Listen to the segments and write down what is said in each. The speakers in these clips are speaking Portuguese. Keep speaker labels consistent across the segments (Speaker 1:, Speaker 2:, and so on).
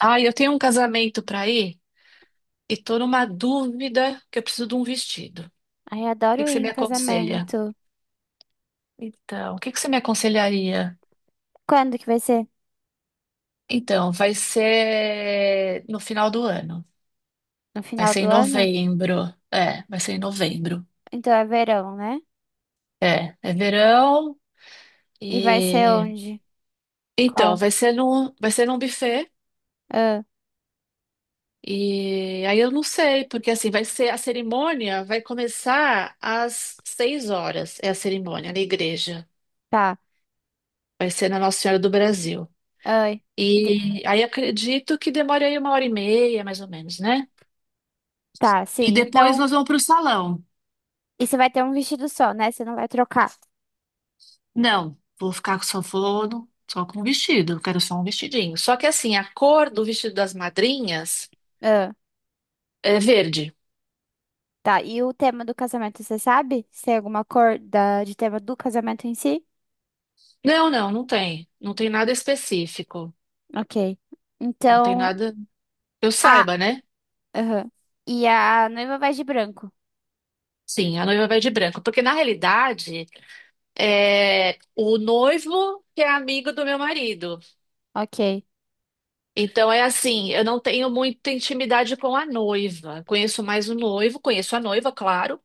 Speaker 1: Ah, eu tenho um casamento para ir e tô numa dúvida que eu preciso de um vestido. O
Speaker 2: Ai,
Speaker 1: que
Speaker 2: adoro
Speaker 1: que
Speaker 2: ir
Speaker 1: você me
Speaker 2: em
Speaker 1: aconselha?
Speaker 2: casamento.
Speaker 1: Então, o que que você me aconselharia?
Speaker 2: Quando que vai ser?
Speaker 1: Então, vai ser no final do ano.
Speaker 2: No
Speaker 1: Vai
Speaker 2: final
Speaker 1: ser em
Speaker 2: do ano?
Speaker 1: novembro. É, vai ser em novembro.
Speaker 2: Então é verão, né?
Speaker 1: É, é verão
Speaker 2: E vai ser
Speaker 1: e
Speaker 2: onde?
Speaker 1: então
Speaker 2: Qual?
Speaker 1: vai ser num buffet
Speaker 2: Ah,
Speaker 1: e aí eu não sei porque assim vai ser, a cerimônia vai começar às 6 horas, é a cerimônia na igreja,
Speaker 2: tá.
Speaker 1: vai ser na Nossa Senhora do Brasil.
Speaker 2: Ai. E de-
Speaker 1: E aí acredito que demore aí 1 hora e meia, mais ou menos, né?
Speaker 2: Tá,
Speaker 1: E
Speaker 2: sim.
Speaker 1: depois
Speaker 2: Então,
Speaker 1: nós vamos para o salão.
Speaker 2: e você vai ter um vestido só, né? Você não vai trocar.
Speaker 1: Não, vou ficar com só forno, só com vestido. Eu quero só um vestidinho. Só que assim, a cor do vestido das madrinhas
Speaker 2: Ah,
Speaker 1: é verde.
Speaker 2: tá. E o tema do casamento, você sabe? Se tem alguma cor da... de tema do casamento em si?
Speaker 1: Não, não, não tem. Não tem nada específico.
Speaker 2: Ok.
Speaker 1: Não tem
Speaker 2: Então,
Speaker 1: nada que eu
Speaker 2: a...
Speaker 1: saiba, né?
Speaker 2: aham. E a noiva vai de branco.
Speaker 1: Sim, a noiva vai de branco. Porque na realidade, é o noivo que é amigo do meu marido.
Speaker 2: Ok.
Speaker 1: Então é assim, eu não tenho muita intimidade com a noiva. Conheço mais o noivo, conheço a noiva, claro,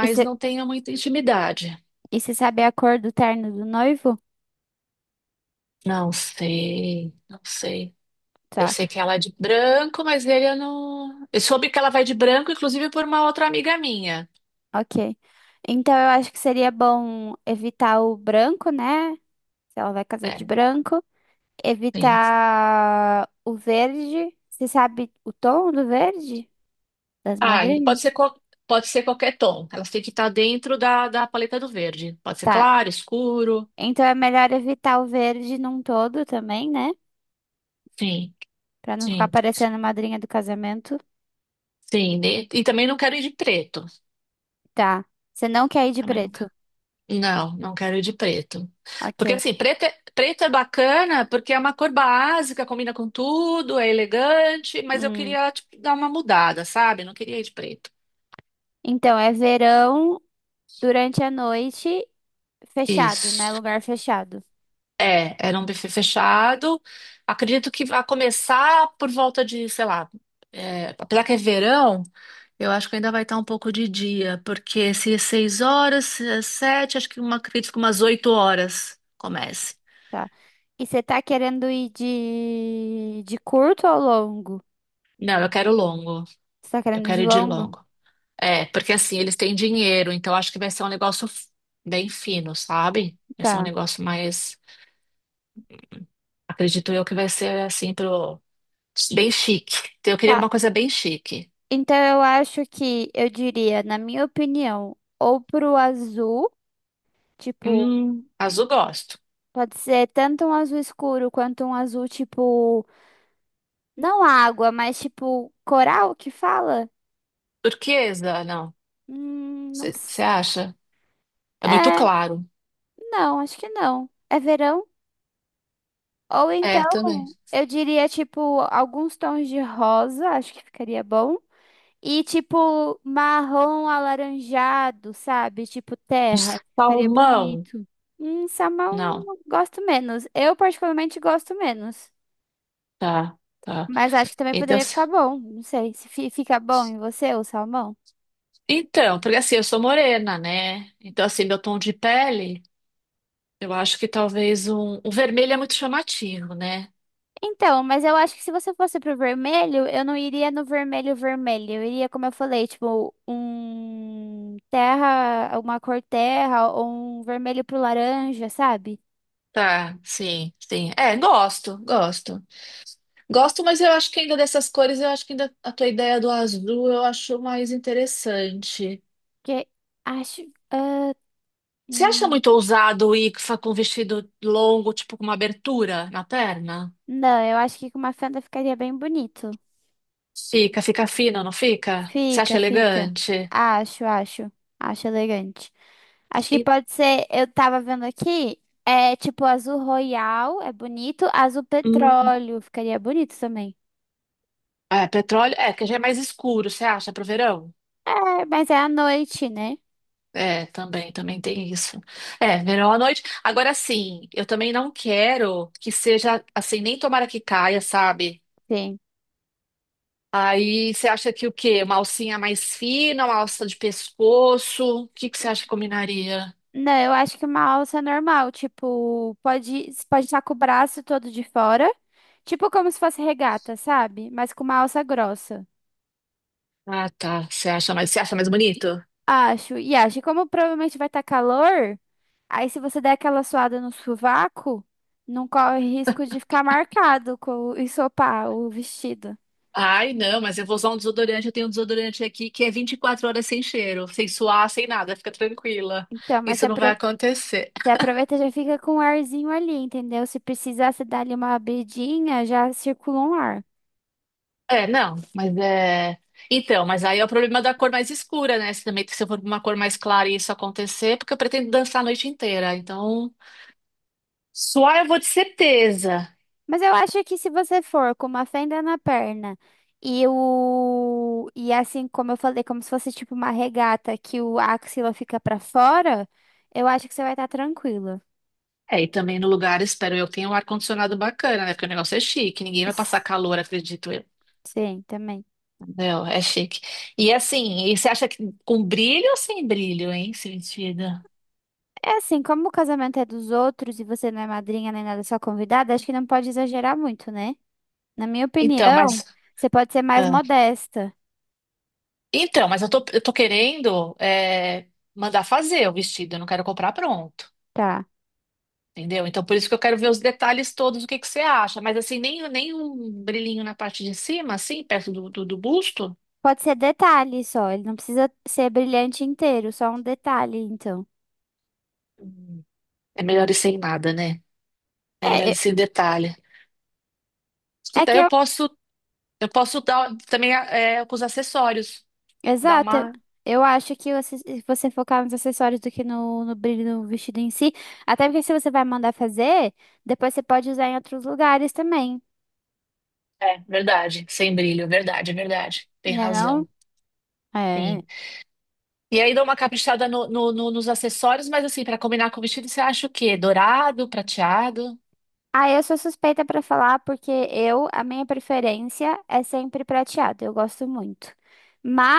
Speaker 2: E você
Speaker 1: não tenho muita intimidade.
Speaker 2: e você sabe a cor do terno do noivo?
Speaker 1: Não sei, não sei. Eu
Speaker 2: Tá.
Speaker 1: sei que ela é de branco, mas ele eu não. Eu soube que ela vai de branco, inclusive por uma outra amiga minha.
Speaker 2: Ok. Então eu acho que seria bom evitar o branco, né? Se ela vai casar de
Speaker 1: É,
Speaker 2: branco.
Speaker 1: sim.
Speaker 2: Evitar o verde. Você sabe o tom do verde das
Speaker 1: Ah, e pode ser,
Speaker 2: madrinhas?
Speaker 1: pode ser qualquer tom. Elas têm que estar dentro da paleta do verde. Pode ser
Speaker 2: Tá.
Speaker 1: claro, escuro.
Speaker 2: Então é melhor evitar o verde num todo também, né?
Speaker 1: Sim,
Speaker 2: Pra não ficar
Speaker 1: sim,
Speaker 2: parecendo a madrinha do casamento.
Speaker 1: sim. E também não quero ir de preto.
Speaker 2: Tá. Você não quer ir de
Speaker 1: Também não quero.
Speaker 2: preto.
Speaker 1: Não, não quero de preto. Porque
Speaker 2: Ok.
Speaker 1: assim, preto é bacana porque é uma cor básica, combina com tudo, é elegante, mas eu
Speaker 2: Hum.
Speaker 1: queria, tipo, dar uma mudada, sabe? Não queria ir de preto.
Speaker 2: Então é verão durante a noite, fechado, né?
Speaker 1: Isso.
Speaker 2: Lugar fechado.
Speaker 1: É, era um buffet fechado. Acredito que vai começar por volta de, sei lá, é, apesar que é verão, eu acho que ainda vai estar um pouco de dia, porque se é 6 horas, se é 7, acredito que umas 8 horas comece.
Speaker 2: Tá. E você tá querendo ir de curto ou longo?
Speaker 1: Não, eu quero longo.
Speaker 2: Você tá
Speaker 1: Eu
Speaker 2: querendo ir
Speaker 1: quero
Speaker 2: de
Speaker 1: ir de
Speaker 2: longo?
Speaker 1: longo. É, porque assim, eles têm dinheiro, então acho que vai ser um negócio bem fino, sabe? Vai ser um
Speaker 2: Tá.
Speaker 1: negócio mais, acredito eu que vai ser assim pro bem chique. Então, eu queria
Speaker 2: Tá.
Speaker 1: alguma coisa bem chique.
Speaker 2: Então eu acho que eu diria, na minha opinião, ou pro azul, tipo,
Speaker 1: Azul gosto.
Speaker 2: pode ser tanto um azul escuro quanto um azul tipo, não água, mas tipo coral que fala?
Speaker 1: Turquesa, não.
Speaker 2: Não
Speaker 1: Você
Speaker 2: sei.
Speaker 1: acha? É muito
Speaker 2: É,
Speaker 1: claro.
Speaker 2: não, acho que não. É verão? Ou então,
Speaker 1: É, também.
Speaker 2: eu diria tipo alguns tons de rosa, acho que ficaria bom. E tipo marrom alaranjado, sabe? Tipo terra. Ficaria
Speaker 1: Salmão?
Speaker 2: bonito. Salmão
Speaker 1: Não.
Speaker 2: gosto menos. Eu particularmente gosto menos.
Speaker 1: Tá, tá.
Speaker 2: Mas acho que também
Speaker 1: Então,
Speaker 2: poderia ficar bom. Não sei se fica bom em você o salmão.
Speaker 1: porque assim, eu sou morena, né? Então, assim, meu tom de pele, eu acho que talvez um. O vermelho é muito chamativo, né?
Speaker 2: Então, mas eu acho que se você fosse pro vermelho, eu não iria no vermelho vermelho. Eu iria, como eu falei, tipo, um terra, uma cor terra ou um vermelho pro laranja, sabe?
Speaker 1: Tá, sim, sim. É, gosto, gosto. Gosto, mas eu acho que ainda dessas cores, eu acho que ainda a tua ideia do azul eu acho mais interessante.
Speaker 2: Porque acho. ah,
Speaker 1: Você acha
Speaker 2: hum,
Speaker 1: muito ousado ir com um vestido longo, tipo com uma abertura na perna?
Speaker 2: Não, eu acho que com uma fenda ficaria bem bonito.
Speaker 1: Fica, fica fino, não fica? Você acha
Speaker 2: Fica, fica.
Speaker 1: elegante?
Speaker 2: Acho, acho. Acho elegante. Acho que
Speaker 1: E-
Speaker 2: pode ser, eu tava vendo aqui, é tipo azul royal, é bonito, azul
Speaker 1: hum,
Speaker 2: petróleo, ficaria bonito também.
Speaker 1: É, petróleo, é, que já é mais escuro, você acha, pro verão?
Speaker 2: É, mas é à noite, né?
Speaker 1: É, também, também tem isso. É, verão à noite. Agora sim, eu também não quero que seja assim, nem tomara que caia, sabe?
Speaker 2: Sim.
Speaker 1: Aí você acha que o quê? Uma alcinha mais fina, uma alça de pescoço? O que que você acha que combinaria?
Speaker 2: Não, eu acho que uma alça normal, tipo, pode estar com o braço todo de fora, tipo como se fosse regata, sabe? Mas com uma alça grossa.
Speaker 1: Ah, tá. Você acha mais bonito?
Speaker 2: Acho, e acho, e como provavelmente vai estar calor, aí se você der aquela suada no sovaco, não corre risco de ficar marcado com o ensopar o vestido.
Speaker 1: Ai, não, mas eu vou usar um desodorante. Eu tenho um desodorante aqui que é 24 horas sem cheiro, sem suar, sem nada. Fica tranquila.
Speaker 2: Então, mas
Speaker 1: Isso não vai acontecer.
Speaker 2: você aproveita e já fica com um arzinho ali, entendeu? Se precisar, você dá ali uma abridinha, já circula um ar.
Speaker 1: É, não, mas é. Então, mas aí é o problema da cor mais escura, né? Se também se eu for com uma cor mais clara e isso acontecer, porque eu pretendo dançar a noite inteira. Então, suar eu vou de certeza.
Speaker 2: Mas eu acho que se você for com uma fenda na perna e o e assim, como eu falei, como se fosse tipo uma regata que o axila fica pra fora, eu acho que você vai estar tranquila.
Speaker 1: É, e também no lugar, espero eu, tenha um ar-condicionado bacana, né? Porque o negócio é chique, ninguém vai passar calor, acredito eu.
Speaker 2: Sim, também.
Speaker 1: Entendeu? É chique. E assim, e você acha que com brilho ou sem brilho, hein, esse vestido?
Speaker 2: É assim, como o casamento é dos outros e você não é madrinha nem nada, é só convidada, acho que não pode exagerar muito, né? Na minha
Speaker 1: Então,
Speaker 2: opinião,
Speaker 1: mas.
Speaker 2: você pode ser mais
Speaker 1: Ah,
Speaker 2: modesta,
Speaker 1: então, mas eu tô querendo é, mandar fazer o vestido, eu não quero comprar pronto.
Speaker 2: tá?
Speaker 1: Entendeu? Então, por isso que eu quero ver os detalhes todos, o que que você acha. Mas assim, nem um brilhinho na parte de cima, assim, perto do busto.
Speaker 2: Pode ser detalhe só, ele não precisa ser brilhante inteiro, só um detalhe, então.
Speaker 1: Hum, É melhor ir sem nada, né? É melhor
Speaker 2: É,
Speaker 1: ir
Speaker 2: é
Speaker 1: sem detalhe. Que
Speaker 2: é que
Speaker 1: daí eu
Speaker 2: eu.
Speaker 1: posso. Eu posso dar também é, com os acessórios, dar
Speaker 2: Exato, eu
Speaker 1: uma.
Speaker 2: eu acho que se você focar nos acessórios do que no brilho do vestido em si, até porque se você vai mandar fazer, depois você pode usar em outros lugares também,
Speaker 1: É, verdade, sem brilho, verdade, verdade. Tem
Speaker 2: né não?
Speaker 1: razão.
Speaker 2: É.
Speaker 1: Sim. E aí dou uma caprichada nos acessórios, mas assim, para combinar com o vestido, você acha o quê? Dourado, prateado?
Speaker 2: Ah, eu sou suspeita pra falar porque eu, a minha preferência é sempre prateado, eu gosto muito.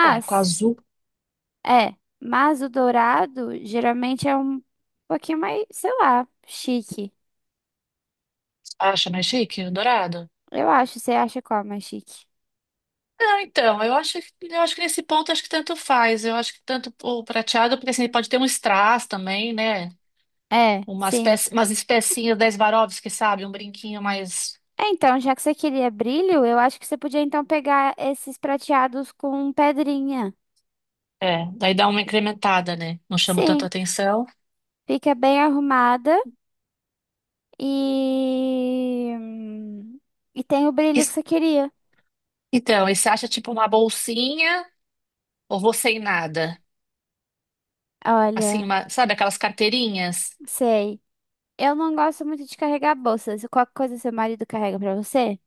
Speaker 1: É, com azul.
Speaker 2: é, mas o dourado geralmente é um pouquinho mais, sei lá, chique.
Speaker 1: Acha mais chique? O dourado?
Speaker 2: Eu acho, você acha qual mais chique?
Speaker 1: Não, então, eu acho que nesse ponto acho que tanto faz. Eu acho que tanto o prateado, porque assim, pode ter um strass também, né?
Speaker 2: É, sim.
Speaker 1: Umas especinhas da Swarovski, sabe? Um brinquinho mais.
Speaker 2: É, então, já que você queria brilho, eu acho que você podia então pegar esses prateados com pedrinha.
Speaker 1: É, daí dá uma incrementada, né? Não chama tanta
Speaker 2: Sim,
Speaker 1: atenção.
Speaker 2: fica bem arrumada e e tem o
Speaker 1: E-
Speaker 2: brilho que você queria.
Speaker 1: então, e você acha tipo uma bolsinha ou vou sem nada? Assim,
Speaker 2: Olha.
Speaker 1: sabe aquelas carteirinhas?
Speaker 2: Sei. Eu não gosto muito de carregar bolsas. Qualquer coisa seu marido carrega pra você?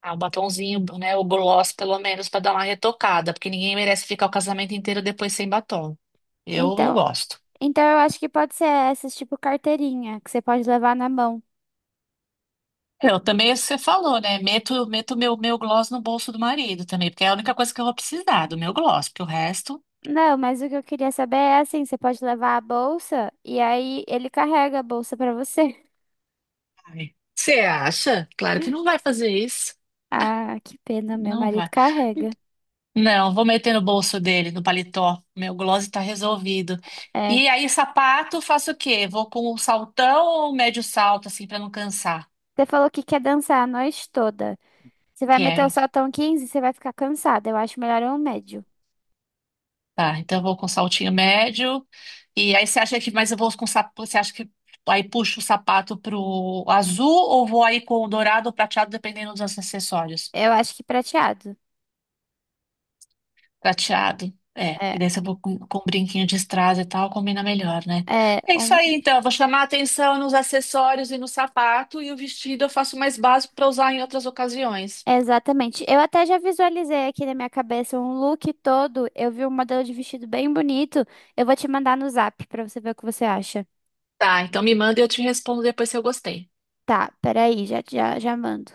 Speaker 1: Ah, um batonzinho, né? O gloss, pelo menos, pra dar uma retocada, porque ninguém merece ficar o casamento inteiro depois sem batom. Eu não
Speaker 2: Então,
Speaker 1: gosto.
Speaker 2: então eu acho que pode ser essas, tipo carteirinha, que você pode levar na mão.
Speaker 1: Eu também, você falou, né? Meto meu gloss no bolso do marido também, porque é a única coisa que eu vou precisar do meu gloss, porque o resto.
Speaker 2: Não, mas o que eu queria saber é assim, você pode levar a bolsa e aí ele carrega a bolsa pra você.
Speaker 1: Ai. Você acha? Claro que não vai fazer isso.
Speaker 2: Ah, que pena, meu
Speaker 1: Não
Speaker 2: marido
Speaker 1: vai.
Speaker 2: carrega.
Speaker 1: Não, vou meter no bolso dele, no paletó. Meu gloss tá resolvido.
Speaker 2: É.
Speaker 1: E aí, sapato, faço o quê? Vou com o saltão ou médio salto, assim, pra não cansar?
Speaker 2: Você falou que quer dançar a noite toda. Você vai meter o
Speaker 1: Quero.
Speaker 2: saltão 15, você vai ficar cansada. Eu acho melhor um médio.
Speaker 1: Tá, então eu vou com saltinho médio. E aí, você acha que, mas eu vou com sapato, você acha que aí puxo o sapato pro azul ou vou aí com o dourado ou prateado, dependendo dos acessórios?
Speaker 2: Eu acho que prateado.
Speaker 1: Prateado. É,
Speaker 2: É,
Speaker 1: e daí se eu vou com brinquinho de strass e tal, combina melhor, né?
Speaker 2: é
Speaker 1: É isso
Speaker 2: um
Speaker 1: aí, então. Eu vou chamar a atenção nos acessórios e no sapato, e o vestido eu faço mais básico para usar em outras ocasiões.
Speaker 2: Exatamente. Eu até já visualizei aqui na minha cabeça um look todo. Eu vi um modelo de vestido bem bonito. Eu vou te mandar no zap pra você ver o que você acha.
Speaker 1: Tá, então me manda e eu te respondo depois se eu gostei.
Speaker 2: Tá, peraí, já, já, já mando.